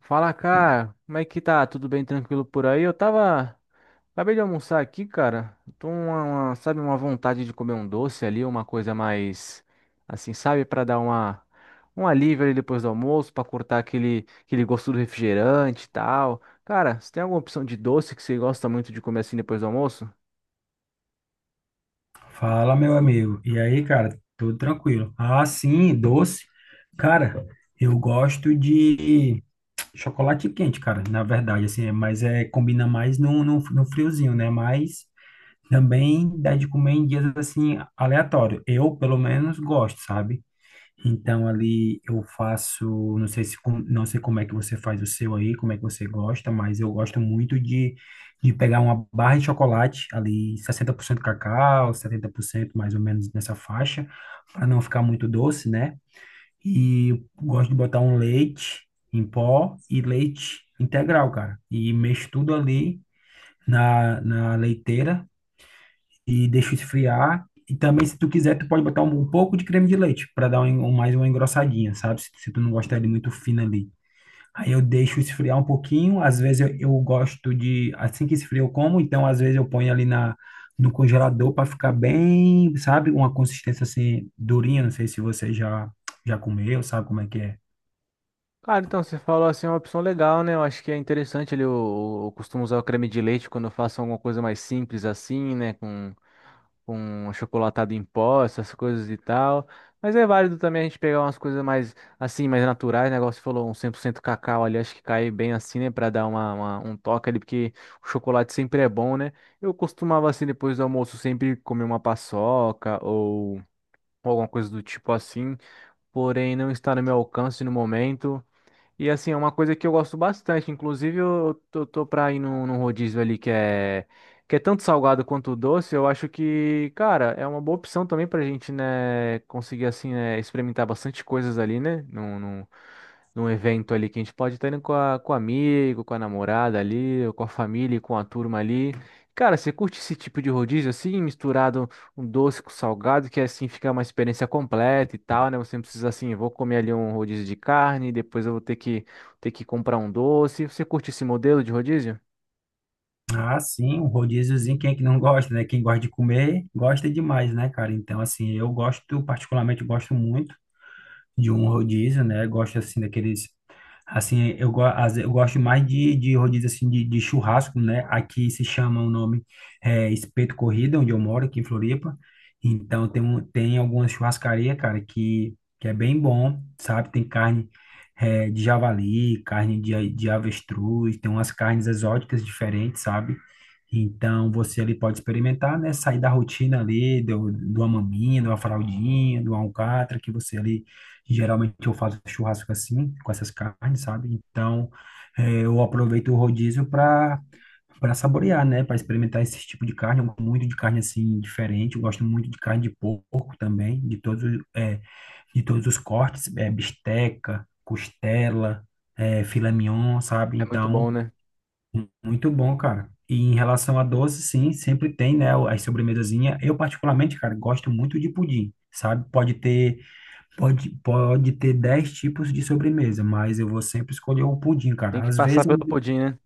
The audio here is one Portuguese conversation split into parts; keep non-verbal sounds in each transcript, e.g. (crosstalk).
Fala, cara. Como é que tá? Tudo bem, tranquilo por aí? Eu tava. Acabei de almoçar aqui, cara. Tô sabe, uma vontade de comer um doce ali, uma coisa mais assim, sabe, pra dar uma um alívio ali depois do almoço, pra cortar aquele gosto do refrigerante e tal. Cara, você tem alguma opção de doce que você gosta muito de comer assim depois do almoço? Fala, meu amigo. E aí, cara, tudo tranquilo? Ah, sim, doce. Cara, eu gosto de chocolate quente, cara, na verdade, assim, mas é, combina mais no friozinho, né? Mas também dá de comer em dias, assim, aleatório. Eu, pelo menos, gosto, sabe? Então ali eu faço, não sei como é que você faz o seu aí, como é que você gosta, mas eu gosto muito de pegar uma barra de chocolate ali, 60% cacau, 70% mais ou menos nessa faixa, para não ficar muito doce, né? E gosto de botar um leite em pó e leite integral, cara. E mexo tudo ali na leiteira e deixa esfriar. E também, se tu quiser, tu pode botar um pouco de creme de leite para dar mais uma engrossadinha, sabe? Se tu não gostar de muito fino ali. Aí eu deixo esfriar um pouquinho. Às vezes eu gosto de, assim que esfria eu como, então às vezes eu ponho ali no congelador para ficar bem, sabe? Uma consistência assim durinha. Não sei se você já comeu, sabe como é que é. Cara, então você falou assim, é uma opção legal, né? Eu acho que é interessante ali. Eu costumo usar o creme de leite quando eu faço alguma coisa mais simples assim, né? Com achocolatado em pó, essas coisas e tal. Mas é válido também a gente pegar umas coisas mais, assim, mais naturais, né? Igual você falou, um 100% cacau ali, acho que cai bem assim, né? Pra dar um toque ali, porque o chocolate sempre é bom, né? Eu costumava, assim, depois do almoço, sempre comer uma paçoca ou alguma coisa do tipo assim. Porém, não está no meu alcance no momento. E assim, é uma coisa que eu gosto bastante. Inclusive, eu tô pra ir num rodízio ali que é tanto salgado quanto doce. Eu acho que, cara, é uma boa opção também pra gente, né, conseguir, assim, né, experimentar bastante coisas ali, né? Num evento ali que a gente pode estar indo com a, com amigo, com a namorada ali, ou com a família, e com a turma ali. Cara, você curte esse tipo de rodízio assim, misturado um doce com salgado, que assim fica uma experiência completa e tal, né? Você não precisa assim, vou comer ali um rodízio de carne, depois eu vou ter que comprar um doce. Você curte esse modelo de rodízio? Ah, sim, um rodíziozinho, quem é que não gosta, né? Quem gosta de comer, gosta demais, né, cara? Então, assim, eu gosto, particularmente gosto muito de um rodízio, né? Gosto assim daqueles assim, eu gosto mais de rodízio assim de churrasco, né? Aqui se chama o nome Espeto Corrida, onde eu moro, aqui em Floripa. Então tem um, tem algumas churrascarias, cara, que é bem bom, sabe? Tem carne de javali, carne de avestruz, tem umas carnes exóticas diferentes, sabe? Então você ali pode experimentar, né? Sair da rotina ali, do, de uma maminha, de uma fraldinha, de uma alcatra, que você ali e geralmente eu faço churrasco assim, com essas carnes, sabe? Então, eu aproveito o rodízio para saborear, né? Para experimentar esse tipo de carne. Eu gosto muito de carne assim diferente. Eu gosto muito de carne de porco também, de todos os cortes, bisteca, costela, filé mignon, sabe? É muito Então, bom, né? Muito bom, cara. E em relação a doce, sim, sempre tem, né? As sobremesazinhas. Eu, particularmente, cara, gosto muito de pudim, sabe? Pode ter. Pode ter 10 tipos de sobremesa, mas eu vou sempre escolher o pudim, Tem cara. que Às passar vezes, eu pelo me- pudim, né?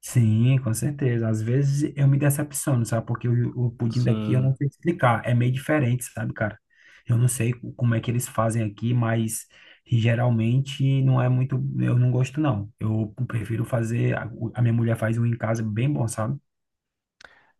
Sim, com certeza. Às vezes eu me decepciono, sabe? Porque o pudim daqui eu não Sim. sei explicar. É meio diferente, sabe, cara? Eu não sei como é que eles fazem aqui, mas geralmente não é muito. Eu não gosto, não. Eu prefiro fazer. A minha mulher faz um em casa bem bom, sabe?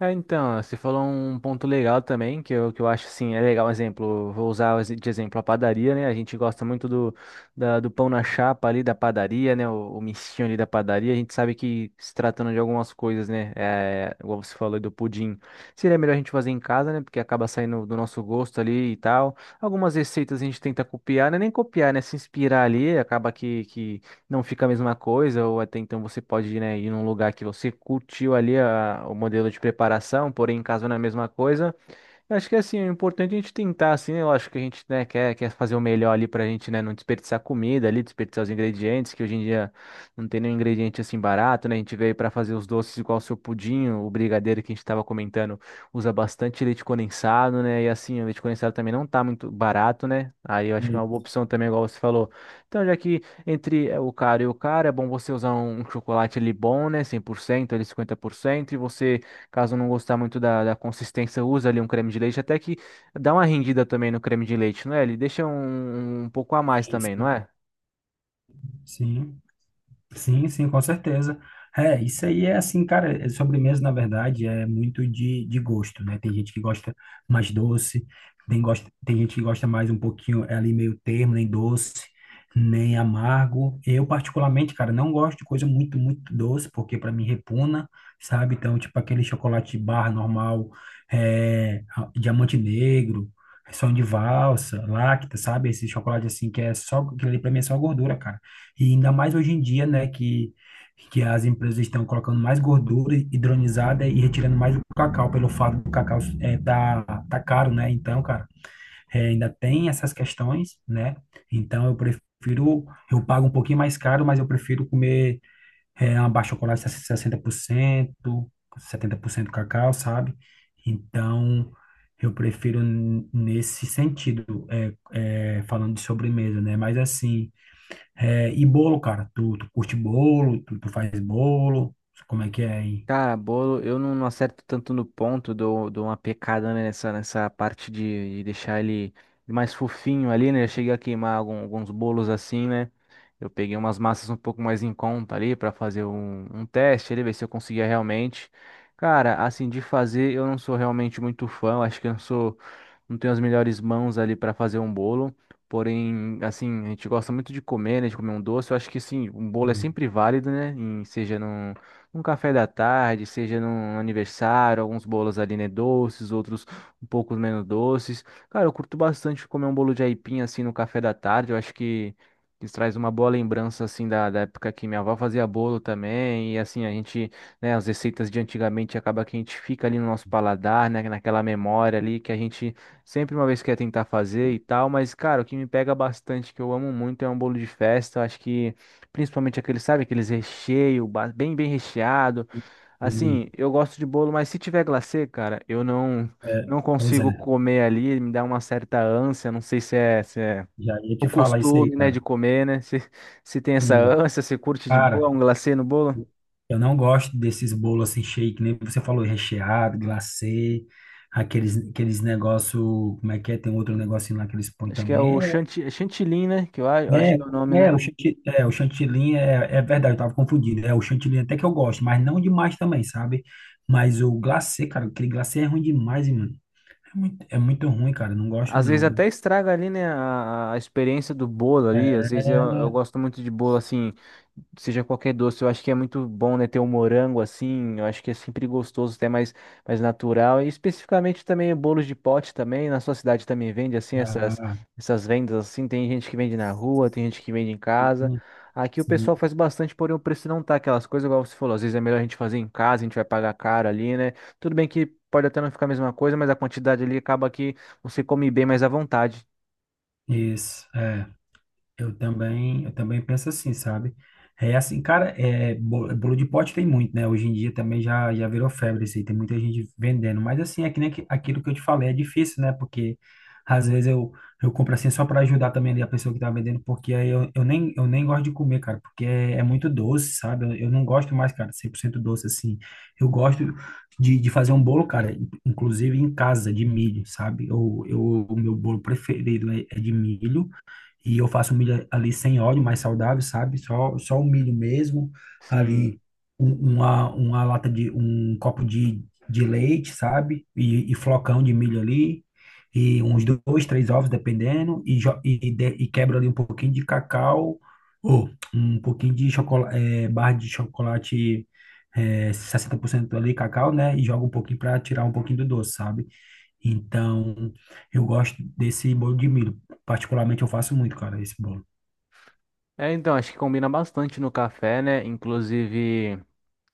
É, então, você falou um ponto legal também, que que eu acho, assim, é legal, exemplo, vou usar de exemplo a padaria, né? A gente gosta muito do pão na chapa ali da padaria, né? O mistinho ali da padaria, a gente sabe que se tratando de algumas coisas, né? É, igual você falou aí do pudim, seria melhor a gente fazer em casa, né? Porque acaba saindo do nosso gosto ali e tal. Algumas receitas a gente tenta copiar, né? Nem copiar, né? Se inspirar ali, acaba que não fica a mesma coisa, ou até então você pode, né, ir num lugar que você curtiu o modelo de preparação, porém em casa não é a mesma coisa. Eu acho que assim, é importante a gente tentar, assim, eu acho que a gente, né, quer fazer o melhor ali pra gente, né, não desperdiçar comida ali, desperdiçar os ingredientes, que hoje em dia não tem nenhum ingrediente assim barato, né? A gente veio pra fazer os doces igual o seu pudim, o brigadeiro que a gente tava comentando, usa bastante leite condensado, né? E assim, o leite condensado também não tá muito barato, né? Aí eu acho que é Hum. uma boa opção também, igual você falou. Então, já que entre o caro e o caro, é bom você usar um chocolate ali bom, né, 100%, ali 50%, e você, caso não gostar muito da consistência, usa ali um creme de leite, até que dá uma rendida também no creme de leite, não é? Ele deixa um pouco a mais também, não é? Sim. Sim, sim, com certeza. É, isso aí é assim, cara, é sobremesa, na verdade, é muito de gosto, né? Tem gente que gosta mais doce, tem gente que gosta mais um pouquinho, é ali meio termo, nem doce, nem amargo. Eu, particularmente, cara, não gosto de coisa muito, muito doce, porque para mim repugna, sabe? Então, tipo aquele chocolate barra normal, diamante negro, som de valsa, lacta, sabe? Esse chocolate assim que é só, que ali pra mim é só gordura, cara. E ainda mais hoje em dia, né, que as empresas estão colocando mais gordura hidronizada e retirando mais o cacau, pelo fato do cacau tá caro, né? Então, cara, ainda tem essas questões, né? Então, eu prefiro, eu pago um pouquinho mais caro, mas eu prefiro comer uma barra de chocolate 60%, 70% cacau, sabe? Então, eu prefiro nesse sentido, falando de sobremesa, né? Mas assim. É, e bolo, cara? Tu curte bolo? Tu faz bolo? Como é que é aí? Cara, bolo, eu não acerto tanto no ponto, dou uma pecada né, nessa parte de deixar ele mais fofinho ali, né? Eu cheguei a queimar alguns bolos assim, né? Eu peguei umas massas um pouco mais em conta ali para fazer um teste ali, ver se eu conseguia realmente. Cara, assim, de fazer, eu não sou realmente muito fã, eu acho que eu não sou. Não tenho as melhores mãos ali para fazer um bolo. Porém, assim, a gente gosta muito de comer, né? De comer um doce. Eu acho que sim, um bolo é Sim, sempre válido, né? Seja num, num café da tarde, seja num aniversário, alguns bolos ali, né? Doces, outros um pouco menos doces. Cara, eu curto bastante comer um bolo de aipim assim no café da tarde. Eu acho que isso traz uma boa lembrança assim da época que minha avó fazia bolo também. E assim, a gente, né, as receitas de antigamente acaba que a gente fica ali no nosso paladar, né, naquela memória ali que a gente sempre uma vez quer tentar fazer e tal, mas, cara, o que me pega bastante, que eu amo muito, é um bolo de festa. Acho que, principalmente aquele, sabe, aqueles recheio, bem, bem recheado. sim. Assim, eu gosto de bolo, mas se tiver glacê, cara, eu não, É, não pois é, consigo comer ali, me dá uma certa ânsia. Não sei se é já ia o te falar isso aí, costume, né, de cara. comer, né? Se tem essa Sim. ânsia, se curte de Cara, boa um glacê no bolo. eu não gosto desses bolos assim cheio, nem você falou, recheado, glacê, aqueles negócio, como é que é? Tem outro negocinho lá que eles põem Acho que é também. o chantilly, né? Que eu acho É, que é o nome, né? É, o chantilly, é verdade, eu tava confundindo. É, o chantilly até que eu gosto, mas não demais também, sabe? Mas o glacê, cara, aquele glacê é ruim demais. É muito ruim, cara. Não gosto, Às vezes não. Até estraga ali, né, a experiência do bolo ali. Às é, vezes eu gosto muito de bolo assim, seja qualquer doce, eu acho que é muito bom, né, ter um morango assim, eu acho que é sempre gostoso, até mais, mais natural, e especificamente também bolos de pote também, na sua cidade também vende assim, ah, essas vendas assim, tem gente que vende na rua, tem gente que vende em casa, sim, aqui o pessoal sim. faz bastante, porém o preço não tá aquelas coisas, igual você falou, às vezes é melhor a gente fazer em casa, a gente vai pagar caro ali, né, tudo bem que pode até não ficar a mesma coisa, mas a quantidade ali acaba que você come bem mais à vontade. Isso. É. Eu também penso assim, sabe? É assim, cara, bolo de pote tem muito, né? Hoje em dia também já virou febre isso aí, tem muita gente vendendo. Mas assim, é que nem aquilo que eu te falei, é difícil, né? Porque às vezes eu compro assim só para ajudar também ali a pessoa que tá vendendo, porque aí eu nem gosto de comer, cara, porque é muito doce, sabe? Eu não gosto mais, cara, 100% doce assim. Eu gosto de fazer um bolo, cara, inclusive em casa, de milho, sabe? O meu bolo preferido é de milho. E eu faço um milho ali sem óleo, mais saudável, sabe? Só o milho mesmo. Sim. Ali uma lata de um copo de leite, sabe? E flocão de milho ali. E uns dois, três ovos, dependendo. E quebro ali um pouquinho de cacau. Ou um pouquinho de chocolate, barra de chocolate 60% ali, cacau, né? E jogo um pouquinho para tirar um pouquinho do doce, sabe? Então, eu gosto desse bolo de milho. Particularmente, eu faço muito, cara, esse bolo. É, então, acho que combina bastante no café, né? Inclusive.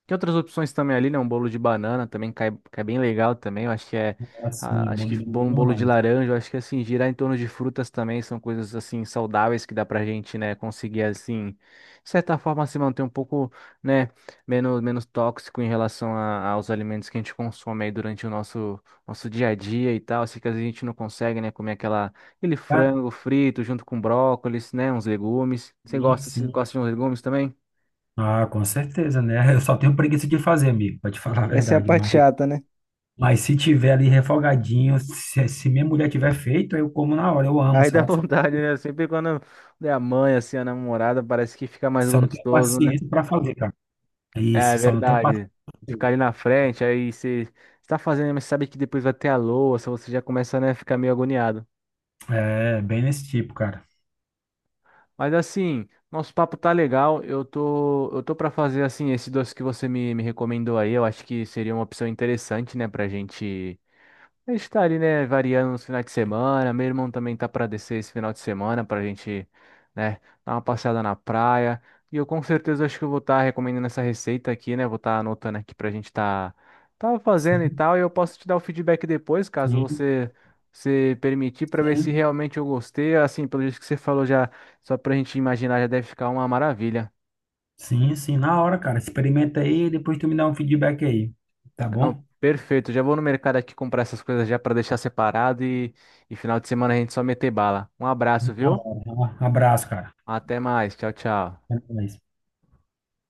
Tem outras opções também ali, né? Um bolo de banana também cai bem legal também. Eu acho que é ah, Assim, acho bolo de milho um bolo de demais. laranja. Eu acho que assim, girar em torno de frutas também são coisas assim saudáveis que dá pra gente, né? Conseguir assim, de certa forma, se manter um pouco, né? Menos tóxico em relação aos alimentos que a gente consome aí durante o nosso dia a dia e tal. Assim que às vezes a gente não consegue, né? Comer aquela, aquele Cara, frango frito junto com brócolis, né? Uns legumes. Sim, Você sim. gosta de uns legumes também? Ah, com certeza, né? Eu só tenho preguiça de fazer, amigo, pra te falar a Essa é a verdade. parte Mas, chata, né? mas se tiver ali refogadinho, se minha mulher tiver feito, eu como na hora. Eu amo, Aí dá (laughs) sabe? Só, vontade, né? Sempre quando é a mãe, assim, a namorada, parece que fica mais só não tenho gostoso, né? paciência pra fazer, cara. É, é Isso, só não tenho paciência. verdade. Ficar ali na frente, aí você está fazendo, mas sabe que depois vai ter a louça, você já começa, né, a ficar meio agoniado. É, bem nesse tipo, cara. Mas assim, nosso papo tá legal. Eu tô para fazer assim esse doce que você me recomendou aí. Eu acho que seria uma opção interessante, né, pra gente. A gente tá ali, né, variando nos finais de semana. Meu irmão também tá para descer esse final de semana pra gente, né, dar uma passeada na praia. E eu com certeza acho que eu vou estar recomendando essa receita aqui, né? Vou estar anotando aqui pra gente tá fazendo e Sim, tal. E eu posso te dar o feedback depois, caso sim, você se permitir, pra ver se sim. realmente eu gostei. Assim, pelo jeito que você falou já, só pra gente imaginar, já deve ficar uma maravilha. Sim, sim, na hora, cara. Experimenta aí e depois tu me dá um feedback aí. Tá Não, bom? perfeito. Já vou no mercado aqui comprar essas coisas já pra deixar separado e final de semana a gente só meter bala. Um abraço, Da viu? hora. Um abraço, cara. Até mais. Tchau, tchau. Até mais.